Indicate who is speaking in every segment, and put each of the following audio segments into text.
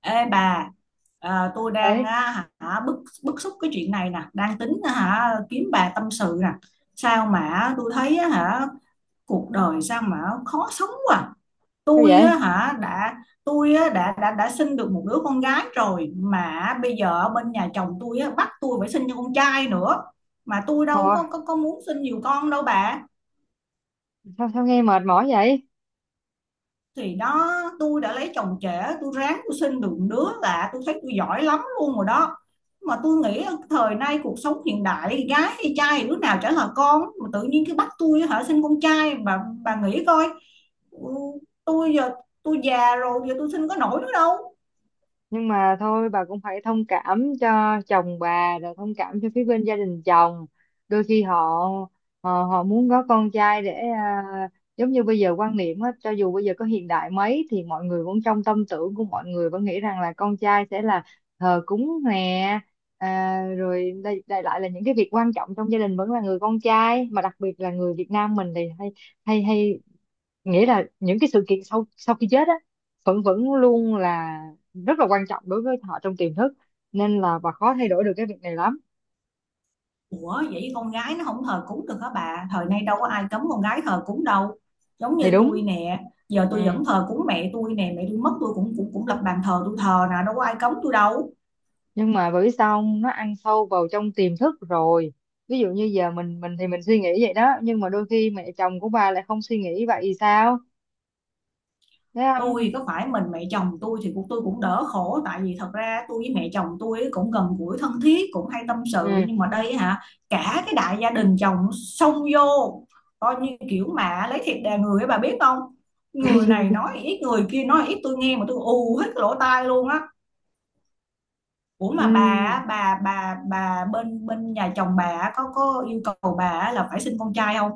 Speaker 1: Ê bà, tôi đang
Speaker 2: Ơi,
Speaker 1: á, hả, bức bức xúc cái chuyện này nè, đang tính á, hả kiếm bà tâm sự nè. Sao mà tôi thấy á, hả cuộc đời sao mà khó sống quá.
Speaker 2: sao
Speaker 1: Tôi
Speaker 2: vậy?
Speaker 1: á, hả đã tôi á, đã sinh được một đứa con gái rồi, mà bây giờ ở bên nhà chồng tôi á, bắt tôi phải sinh cho con trai nữa. Mà tôi
Speaker 2: Ồ,
Speaker 1: đâu có muốn sinh nhiều con đâu bà.
Speaker 2: sao sao nghe mệt mỏi vậy?
Speaker 1: Thì đó, tôi đã lấy chồng trẻ, tôi ráng tôi sinh được đứa là tôi thấy tôi giỏi lắm luôn rồi đó. Mà tôi nghĩ thời nay cuộc sống hiện đại, gái hay trai thì đứa nào chả là con, mà tự nhiên cái bắt tôi hả sinh con trai. Bà nghĩ coi, ừ, tôi giờ tôi già rồi, giờ tôi sinh có nổi nữa đâu.
Speaker 2: Nhưng mà thôi, bà cũng phải thông cảm cho chồng bà, rồi thông cảm cho phía bên gia đình chồng. Đôi khi họ họ muốn có con trai để à, giống như bây giờ quan niệm á, cho dù bây giờ có hiện đại mấy thì mọi người vẫn, trong tâm tưởng của mọi người vẫn nghĩ rằng là con trai sẽ là thờ cúng nè, rồi đây lại là những cái việc quan trọng trong gia đình vẫn là người con trai, mà đặc biệt là người Việt Nam mình thì hay hay hay nghĩa là những cái sự kiện sau sau khi chết á, vẫn vẫn luôn là rất là quan trọng đối với họ trong tiềm thức. Nên là bà khó thay đổi được cái việc này lắm.
Speaker 1: Ủa vậy con gái nó không thờ cúng được hả bà? Thời nay đâu có ai cấm con gái thờ cúng đâu. Giống như
Speaker 2: Thì đúng.
Speaker 1: tôi nè, giờ
Speaker 2: Ừ.
Speaker 1: tôi vẫn thờ cúng mẹ tôi nè. Mẹ tôi mất tôi cũng cũng cũng lập bàn thờ tôi thờ nè, đâu có ai cấm tôi đâu.
Speaker 2: Nhưng mà bởi vì sao không? Nó ăn sâu vào trong tiềm thức rồi. Ví dụ như giờ mình thì mình suy nghĩ vậy đó, nhưng mà đôi khi mẹ chồng của bà lại không suy nghĩ vậy thì sao? Thấy không?
Speaker 1: Ôi, có phải mình mẹ chồng tôi thì cuộc tôi cũng đỡ khổ, tại vì thật ra tôi với mẹ chồng tôi ấy cũng gần gũi thân thiết, cũng hay tâm sự,
Speaker 2: Ừ.
Speaker 1: nhưng mà đây hả, cả cái đại gia đình chồng xông vô, coi như kiểu mà lấy thịt đè người ấy bà biết không. Người này nói ít, người kia nói ít, tôi nghe mà tôi ù hết cái lỗ tai luôn á. Ủa mà bà
Speaker 2: Ừ.
Speaker 1: á, bà bên bên nhà chồng bà á, có yêu cầu bà á là phải sinh con trai không?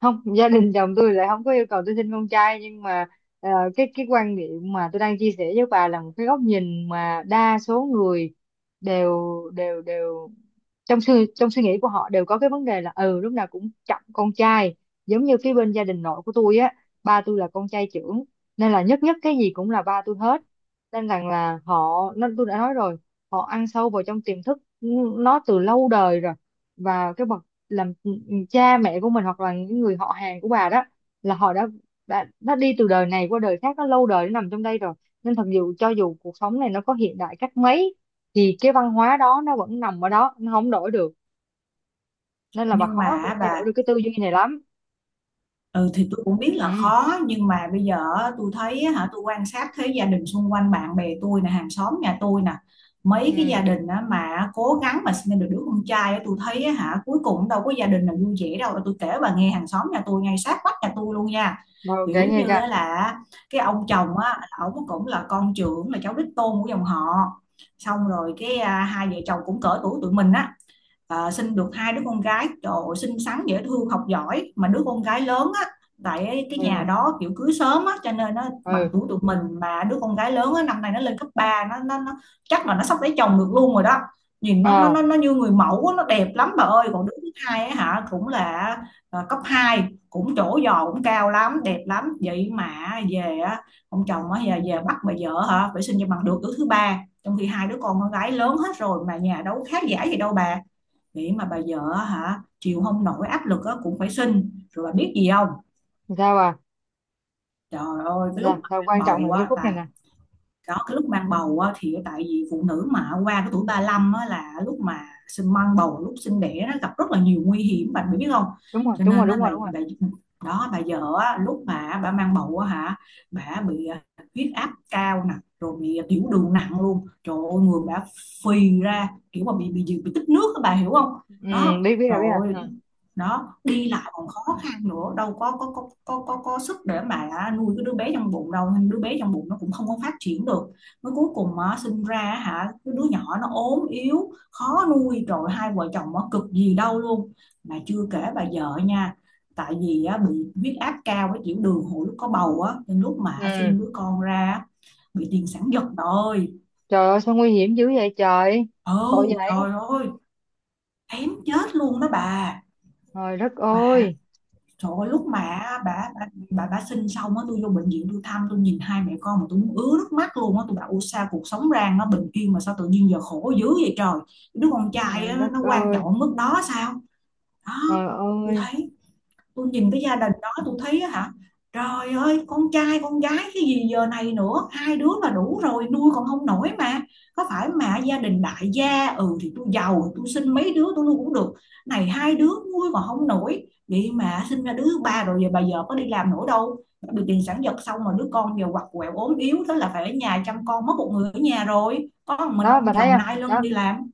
Speaker 2: Không, gia đình chồng tôi lại không có yêu cầu tôi sinh con trai, nhưng mà ờ, cái quan điểm mà tôi đang chia sẻ với bà là một cái góc nhìn mà đa số người đều đều đều trong suy nghĩ của họ đều có cái vấn đề là ừ, lúc nào cũng trọng con trai. Giống như phía bên gia đình nội của tôi á, ba tôi là con trai trưởng nên là nhất nhất cái gì cũng là ba tôi hết. Nên rằng là họ, nó tôi đã nói rồi, họ ăn sâu vào trong tiềm thức, nó từ lâu đời rồi. Và cái bậc làm cha mẹ của mình hoặc là những người họ hàng của bà đó, là họ đã đã đi từ đời này qua đời khác, nó lâu đời, nó nằm trong đây rồi. Nên thật dù cho dù cuộc sống này nó có hiện đại cách mấy thì cái văn hóa đó nó vẫn nằm ở đó, nó không đổi được. Nên là bà
Speaker 1: Nhưng
Speaker 2: khó
Speaker 1: mà
Speaker 2: thay
Speaker 1: bà
Speaker 2: đổi được cái tư duy này lắm.
Speaker 1: Ừ thì tôi cũng biết là
Speaker 2: Ừ.
Speaker 1: khó, nhưng mà bây giờ á, tôi thấy á hả, tôi quan sát thấy gia đình xung quanh, bạn bè tôi nè, hàng xóm nhà tôi nè, mấy cái
Speaker 2: Ừ.
Speaker 1: gia đình á mà cố gắng mà sinh được đứa con trai á, tôi thấy á, hả cuối cùng đâu có gia đình nào vui vẻ đâu. Tôi kể bà nghe, hàng xóm nhà tôi ngay sát vách nhà tôi luôn nha.
Speaker 2: Rồi kể
Speaker 1: Kiểu
Speaker 2: nghe
Speaker 1: như
Speaker 2: kìa.
Speaker 1: á là, cái ông chồng á ổng cũng là con trưởng, là cháu đích tôn của dòng họ. Xong rồi cái hai vợ chồng cũng cỡ tuổi tụi mình á, sinh được hai đứa con gái. Trời ơi, xinh xắn dễ thương học giỏi, mà đứa con gái lớn á, tại cái nhà
Speaker 2: Ừ.
Speaker 1: đó kiểu cưới sớm á, cho nên nó bằng
Speaker 2: Ừ.
Speaker 1: tuổi tụi mình, mà đứa con gái lớn á năm nay nó lên cấp ba, nó chắc là nó sắp lấy chồng được luôn rồi đó. Nhìn nó nó nó,
Speaker 2: À,
Speaker 1: nó như người mẫu á, nó đẹp lắm bà ơi. Còn đứa thứ hai á hả cũng là cấp hai, cũng trổ giò cũng cao lắm, đẹp lắm. Vậy mà về á, ông chồng á về bắt bà vợ hả phải sinh cho bằng được đứa thứ ba, trong khi hai đứa con gái lớn hết rồi, mà nhà đâu có khá giả gì đâu bà. Nghĩ mà bà vợ hả chịu không nổi áp lực á cũng phải sinh rồi. Bà biết gì không?
Speaker 2: sao? À,
Speaker 1: Trời ơi, cái lúc
Speaker 2: sao,
Speaker 1: mà
Speaker 2: sao quan
Speaker 1: mang
Speaker 2: trọng là
Speaker 1: bầu
Speaker 2: cái
Speaker 1: á,
Speaker 2: khúc này
Speaker 1: tại
Speaker 2: nè.
Speaker 1: đó, cái lúc mang bầu á thì tại vì phụ nữ mà qua cái tuổi 35 á là lúc mà sinh, mang bầu, lúc sinh đẻ nó gặp rất là nhiều nguy hiểm bạn biết không.
Speaker 2: Đúng rồi,
Speaker 1: Cho
Speaker 2: đúng rồi,
Speaker 1: nên
Speaker 2: đúng
Speaker 1: á
Speaker 2: rồi,
Speaker 1: bà,
Speaker 2: đúng rồi.
Speaker 1: bà đó, bà vợ á, lúc mà bà mang bầu á hả, bà bị huyết áp cao nè, rồi bị tiểu đường nặng luôn. Trời ơi người bà phì ra, kiểu mà bị tích nước á bà hiểu không.
Speaker 2: Ừ.
Speaker 1: Đó
Speaker 2: biết biết rồi, biết
Speaker 1: rồi,
Speaker 2: rồi. Ừ.
Speaker 1: đó đi lại còn khó khăn nữa, đâu có sức để mà nuôi cái đứa bé trong bụng đâu, nên đứa bé trong bụng nó cũng không có phát triển được. Mới cuối cùng á, sinh ra hả, cái đứa nhỏ nó ốm yếu khó nuôi, rồi hai vợ chồng nó cực gì đâu luôn. Mà chưa kể bà vợ nha, tại vì á bị huyết áp cao với tiểu đường hồi lúc có bầu á, nên lúc mà
Speaker 2: Ừ.
Speaker 1: sinh đứa con ra á, bị tiền sản giật rồi.
Speaker 2: Trời ơi, sao nguy hiểm dữ vậy trời.
Speaker 1: Ừ,
Speaker 2: Tội vậy.
Speaker 1: trời ơi, kém chết luôn đó bà.
Speaker 2: Trời đất
Speaker 1: Mà
Speaker 2: ơi.
Speaker 1: trời ơi, lúc mà bà sinh xong á, tôi vô bệnh viện tôi thăm, tôi nhìn hai mẹ con mà tôi muốn ứa nước mắt luôn á. Tôi bảo "Ủa sao cuộc sống rang nó bình yên mà sao tự nhiên giờ khổ dữ vậy trời, đứa con trai
Speaker 2: Trời
Speaker 1: á,
Speaker 2: đất
Speaker 1: nó quan trọng
Speaker 2: ơi.
Speaker 1: ở mức đó sao?" Đó,
Speaker 2: Trời
Speaker 1: tôi
Speaker 2: ơi.
Speaker 1: thấy, tôi nhìn cái gia đình đó tôi thấy á hả, trời ơi, con trai con gái cái gì giờ này nữa, hai đứa là đủ rồi, nuôi còn không nổi mà. Có phải mà gia đình đại gia, ừ thì tôi giàu tôi sinh mấy đứa tôi nuôi cũng được, này hai đứa nuôi còn không nổi vậy mà sinh ra đứa thứ ba. Rồi giờ bà vợ có đi làm nữa đâu, bị tiền sản giật xong mà đứa con giờ quặt quẹo ốm yếu, thế là phải ở nhà chăm con, mất một người ở nhà rồi, có một mình
Speaker 2: Đó,
Speaker 1: ông
Speaker 2: bà thấy
Speaker 1: chồng
Speaker 2: không?
Speaker 1: nai lưng
Speaker 2: Đó,
Speaker 1: đi làm.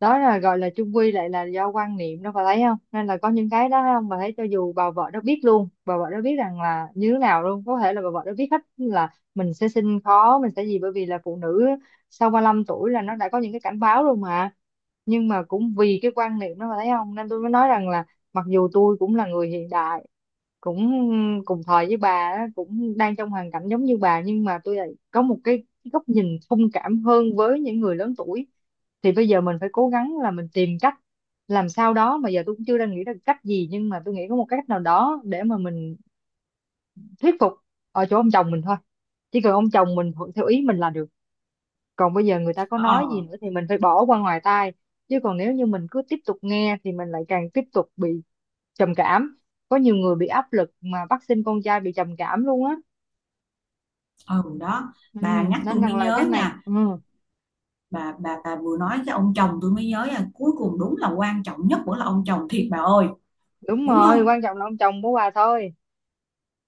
Speaker 2: đó là gọi là chung quy lại là do quan niệm đó, bà thấy không, nên là có những cái đó, thấy không? Bà thấy cho dù bà vợ đó biết luôn, bà vợ đó biết rằng là như thế nào luôn, có thể là bà vợ đó biết hết là mình sẽ sinh khó, mình sẽ gì, bởi vì là phụ nữ sau ba lăm tuổi là nó đã có những cái cảnh báo rồi mà. Nhưng mà cũng vì cái quan niệm đó, bà thấy không, nên tôi mới nói rằng là mặc dù tôi cũng là người hiện đại, cũng cùng thời với bà á, cũng đang trong hoàn cảnh giống như bà, nhưng mà tôi lại có một cái góc nhìn thông cảm hơn với những người lớn tuổi. Thì bây giờ mình phải cố gắng là mình tìm cách làm sao đó, mà giờ tôi cũng chưa đang nghĩ ra cách gì, nhưng mà tôi nghĩ có một cách nào đó để mà mình thuyết phục ở chỗ ông chồng mình thôi. Chỉ cần ông chồng mình thuận theo ý mình là được, còn bây giờ người ta có
Speaker 1: Ờ,
Speaker 2: nói gì nữa thì mình phải bỏ qua ngoài tai. Chứ còn nếu như mình cứ tiếp tục nghe thì mình lại càng tiếp tục bị trầm cảm. Có nhiều người bị áp lực mà bắt sinh con trai bị trầm cảm luôn á.
Speaker 1: ừ đó,
Speaker 2: Ừ,
Speaker 1: bà nhắc
Speaker 2: nên
Speaker 1: tôi mới
Speaker 2: rằng là cái
Speaker 1: nhớ
Speaker 2: này.
Speaker 1: nha.
Speaker 2: Ừ.
Speaker 1: Bà vừa nói cái ông chồng, tôi mới nhớ là cuối cùng đúng là quan trọng nhất vẫn là ông chồng thiệt bà ơi.
Speaker 2: Đúng
Speaker 1: Đúng
Speaker 2: rồi,
Speaker 1: không?
Speaker 2: quan trọng là ông chồng của bà thôi.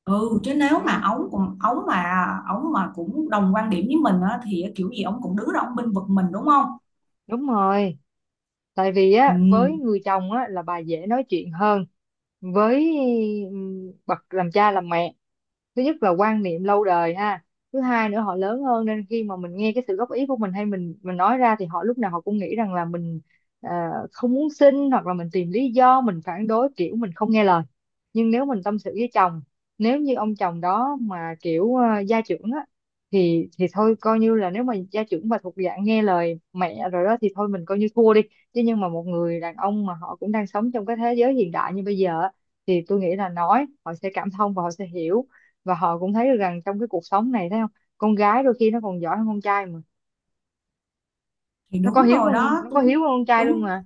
Speaker 1: Ừ, chứ nếu mà
Speaker 2: Ừ.
Speaker 1: ổng mà cũng đồng quan điểm với mình á, thì kiểu gì ổng cũng đứng ra ổng bênh vực mình đúng không.
Speaker 2: Đúng rồi. Tại vì
Speaker 1: Ừ,
Speaker 2: á, với người chồng á là bà dễ nói chuyện hơn. Với ừ, bậc làm cha làm mẹ, thứ nhất là quan niệm lâu đời ha, thứ hai nữa họ lớn hơn, nên khi mà mình nghe cái sự góp ý của mình, hay mình nói ra, thì họ lúc nào họ cũng nghĩ rằng là mình ờ, không muốn xin, hoặc là mình tìm lý do mình phản đối, kiểu mình không nghe lời. Nhưng nếu mình tâm sự với chồng, nếu như ông chồng đó mà kiểu gia trưởng á, thì thôi coi như là nếu mà gia trưởng mà thuộc dạng nghe lời mẹ rồi đó, thì thôi mình coi như thua đi. Chứ nhưng mà một người đàn ông mà họ cũng đang sống trong cái thế giới hiện đại như bây giờ á, thì tôi nghĩ là nói họ sẽ cảm thông và họ sẽ hiểu, và họ cũng thấy được rằng trong cái cuộc sống này, thấy không, con gái đôi khi nó còn giỏi hơn con trai mà.
Speaker 1: thì
Speaker 2: Nó có
Speaker 1: đúng
Speaker 2: hiếu
Speaker 1: rồi
Speaker 2: hơn con,
Speaker 1: đó
Speaker 2: nó có
Speaker 1: tôi
Speaker 2: hiếu hơn con trai luôn
Speaker 1: đúng.
Speaker 2: mà.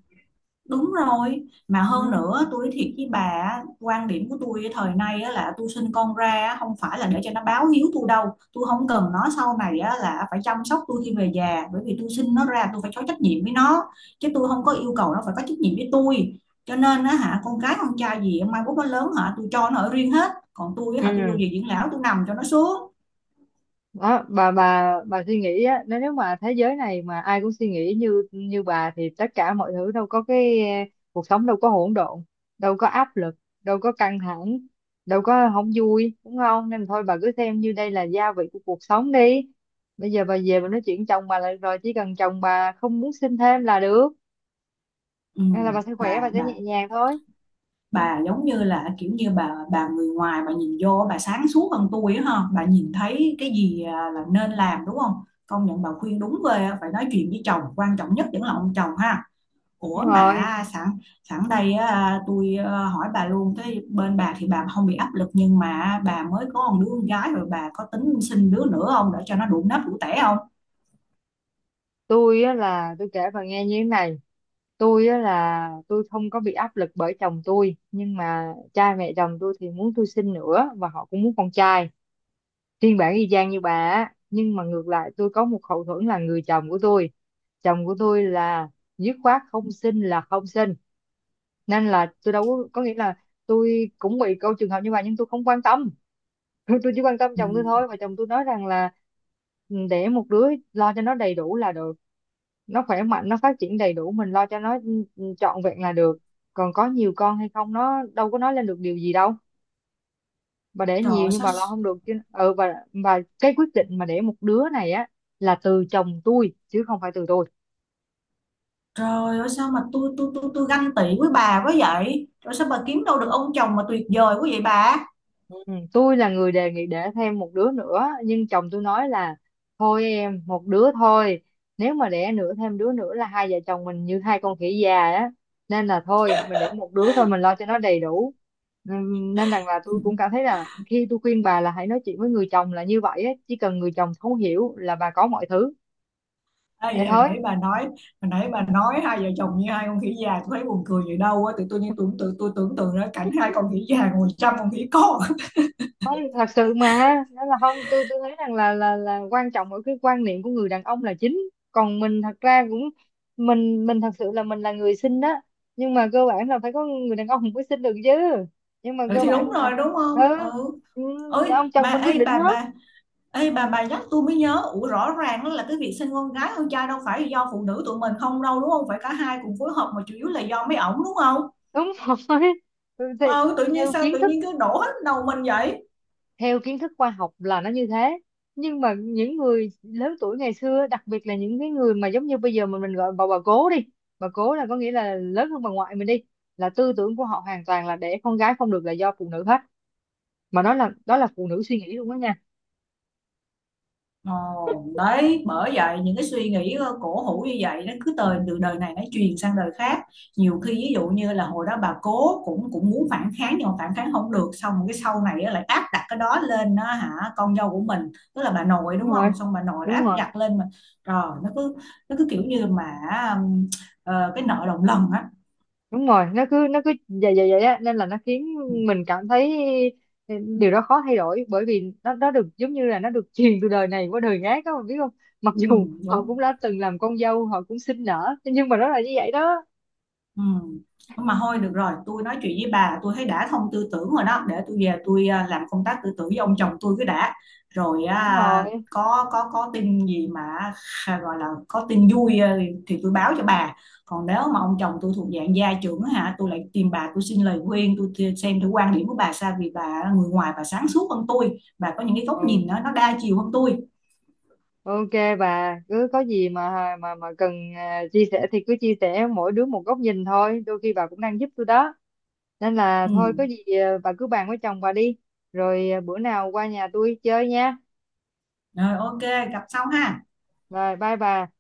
Speaker 1: Đúng rồi, mà hơn
Speaker 2: Ừ.
Speaker 1: nữa tôi nói thiệt với bà á, quan điểm của tôi thời nay á là tôi sinh con ra á, không phải là để cho nó báo hiếu tôi đâu, tôi không cần nó sau này á là phải chăm sóc tôi khi về già, bởi vì tôi sinh nó ra tôi phải có trách nhiệm với nó, chứ tôi không có yêu cầu nó phải có trách nhiệm với tôi. Cho nên á hả, con cái con trai gì mai mốt nó lớn hả, tôi cho nó ở riêng hết, còn tôi á hả tôi vô
Speaker 2: Ừ.
Speaker 1: viện dưỡng lão tôi nằm cho nó xuống.
Speaker 2: Đó, bà suy nghĩ á, nếu nếu mà thế giới này mà ai cũng suy nghĩ như như bà thì tất cả mọi thứ đâu có cái cuộc sống đâu có hỗn độn, đâu có áp lực, đâu có căng thẳng, đâu có không vui, đúng không? Nên thôi bà cứ xem như đây là gia vị của cuộc sống đi. Bây giờ bà về bà nói chuyện chồng bà là được rồi, chỉ cần chồng bà không muốn sinh thêm là được.
Speaker 1: Ừ,
Speaker 2: Nên là bà sẽ khỏe, bà
Speaker 1: bà
Speaker 2: sẽ
Speaker 1: bà
Speaker 2: nhẹ nhàng thôi.
Speaker 1: bà giống như là kiểu như bà người ngoài bà nhìn vô bà sáng suốt hơn tôi á ha, bà nhìn thấy cái gì là nên làm đúng không. Công nhận bà khuyên đúng ghê á, phải nói chuyện với chồng, quan trọng nhất vẫn là ông chồng ha.
Speaker 2: Đúng
Speaker 1: Ủa mà
Speaker 2: rồi.
Speaker 1: sẵn sẵn đây á, tôi hỏi bà luôn, cái bên bà thì bà không bị áp lực, nhưng mà bà mới có một đứa con gái rồi, bà có tính sinh đứa nữa không để cho nó đủ nếp đủ tẻ không?
Speaker 2: Tôi á là tôi kể bà nghe như thế này. Tôi á là tôi không có bị áp lực bởi chồng tôi, nhưng mà cha mẹ chồng tôi thì muốn tôi sinh nữa, và họ cũng muốn con trai, phiên bản y chang như bà á. Nhưng mà ngược lại tôi có một hậu thuẫn là người chồng của tôi. Chồng của tôi là dứt khoát không sinh là không sinh. Nên là tôi đâu có nghĩa là tôi cũng bị câu trường hợp như vậy nhưng tôi không quan tâm. Tôi chỉ quan tâm
Speaker 1: Ừ.
Speaker 2: chồng tôi thôi, và chồng tôi nói rằng là "Ừ, để một đứa lo cho nó đầy đủ là được, nó khỏe mạnh, nó phát triển đầy đủ, mình lo cho nó trọn vẹn là được. Còn có nhiều con hay không nó đâu có nói lên được điều gì đâu. Bà để
Speaker 1: Trời
Speaker 2: nhiều
Speaker 1: ơi,
Speaker 2: nhưng
Speaker 1: sao.
Speaker 2: bà lo không được chứ." Ừ. Và cái quyết định mà để một đứa này á là từ chồng tôi chứ không phải từ tôi.
Speaker 1: Trời ơi sao mà tôi ganh tị với bà quá vậy? Rồi sao bà kiếm đâu được ông chồng mà tuyệt vời quá vậy bà?
Speaker 2: Ừ, tôi là người đề nghị để thêm một đứa nữa, nhưng chồng tôi nói là thôi em một đứa thôi, nếu mà đẻ nữa thêm đứa nữa là hai vợ chồng mình như hai con khỉ già á, nên là thôi mình đẻ một đứa thôi, mình lo cho nó đầy đủ. Nên rằng là tôi cũng cảm thấy là khi tôi khuyên bà là hãy nói chuyện với người chồng là như vậy á, chỉ cần người chồng thấu hiểu là bà có mọi thứ.
Speaker 1: Ê,
Speaker 2: Vậy thôi.
Speaker 1: hồi nãy bà nói hai vợ chồng như hai con khỉ già, tôi thấy buồn cười vậy đâu á, tự tôi như tưởng tượng tôi tưởng tượng ra cảnh hai con khỉ già ngồi chăm con khỉ con.
Speaker 2: Không, thật sự mà đó là, không, tôi tôi thấy rằng là là quan trọng ở cái quan niệm của người đàn ông là chính. Còn mình thật ra cũng, mình thật sự là mình là người sinh đó, nhưng mà cơ bản là phải có người đàn ông mới sinh được chứ. Nhưng mà
Speaker 1: Ừ,
Speaker 2: cơ
Speaker 1: thì đúng
Speaker 2: bản là
Speaker 1: rồi đúng
Speaker 2: ừ,
Speaker 1: không ừ.
Speaker 2: ừ,
Speaker 1: ơi
Speaker 2: ông chồng
Speaker 1: mà
Speaker 2: mình quyết
Speaker 1: ê
Speaker 2: định hết.
Speaker 1: bà Ê bà nhắc tôi mới nhớ, ủa rõ ràng đó là cái việc sinh con gái con trai đâu phải do phụ nữ tụi mình không đâu, đúng không, phải cả hai cùng phối hợp, mà chủ yếu là do mấy ổng đúng không.
Speaker 2: Đúng rồi. Ừ, thì
Speaker 1: Ờ, tự nhiên
Speaker 2: nhiều
Speaker 1: sao
Speaker 2: kiến
Speaker 1: tự
Speaker 2: thức,
Speaker 1: nhiên cứ đổ hết đầu mình vậy.
Speaker 2: theo kiến thức khoa học là nó như thế. Nhưng mà những người lớn tuổi ngày xưa, đặc biệt là những cái người mà giống như bây giờ mình gọi bà cố đi, bà cố là có nghĩa là lớn hơn bà ngoại mình đi, là tư tưởng của họ hoàn toàn là để con gái không được là do phụ nữ hết. Mà đó là phụ nữ suy nghĩ luôn đó nha.
Speaker 1: Ồ, đấy, bởi vậy những cái suy nghĩ cổ hủ như vậy nó cứ từ từ đời này nó truyền sang đời khác. Nhiều khi ví dụ như là hồi đó bà cố cũng cũng muốn phản kháng, nhưng mà phản kháng không được, xong rồi cái sau này á, lại áp đặt cái đó lên đó hả, con dâu của mình tức là bà nội
Speaker 2: Đúng
Speaker 1: đúng
Speaker 2: rồi,
Speaker 1: không, xong bà nội lại
Speaker 2: đúng
Speaker 1: áp
Speaker 2: rồi,
Speaker 1: đặt lên mà. Rồi nó cứ, nó cứ kiểu như mà, ừm, cái nợ đồng lần á.
Speaker 2: đúng rồi. Nó cứ, nó cứ vậy vậy vậy á, nên là nó khiến
Speaker 1: Ừ,
Speaker 2: mình cảm thấy ừ, điều đó khó thay đổi, bởi vì nó được giống như là nó được truyền từ đời này qua đời khác, các bạn biết không. Mặc
Speaker 1: ừ,
Speaker 2: dù họ
Speaker 1: đúng.
Speaker 2: cũng đã từng làm con dâu, họ cũng sinh nở, nhưng mà nó là như vậy đó.
Speaker 1: Ừ. Mà thôi được rồi, tôi nói chuyện với bà tôi thấy đã thông tư tưởng rồi đó, để tôi về tôi làm công tác tư tưởng với ông chồng tôi cứ đã. Rồi
Speaker 2: Đúng rồi.
Speaker 1: có tin gì mà gọi là có tin vui à, thì tôi báo cho bà. Còn nếu mà ông chồng tôi thuộc dạng gia trưởng hả, tôi lại tìm bà tôi xin lời khuyên, tôi xem thử quan điểm của bà sao, vì bà là người ngoài bà sáng suốt hơn tôi, bà có những cái góc
Speaker 2: Ừ.
Speaker 1: nhìn nó đa chiều hơn tôi.
Speaker 2: OK. Bà cứ có gì mà mà cần chia sẻ thì cứ chia sẻ, mỗi đứa một góc nhìn thôi, đôi khi bà cũng đang giúp tôi đó. Nên là thôi
Speaker 1: Ừ.
Speaker 2: có gì bà cứ bàn với chồng bà đi. Rồi bữa nào qua nhà tôi chơi nha.
Speaker 1: Rồi ok, gặp sau ha.
Speaker 2: Rồi, bye bà.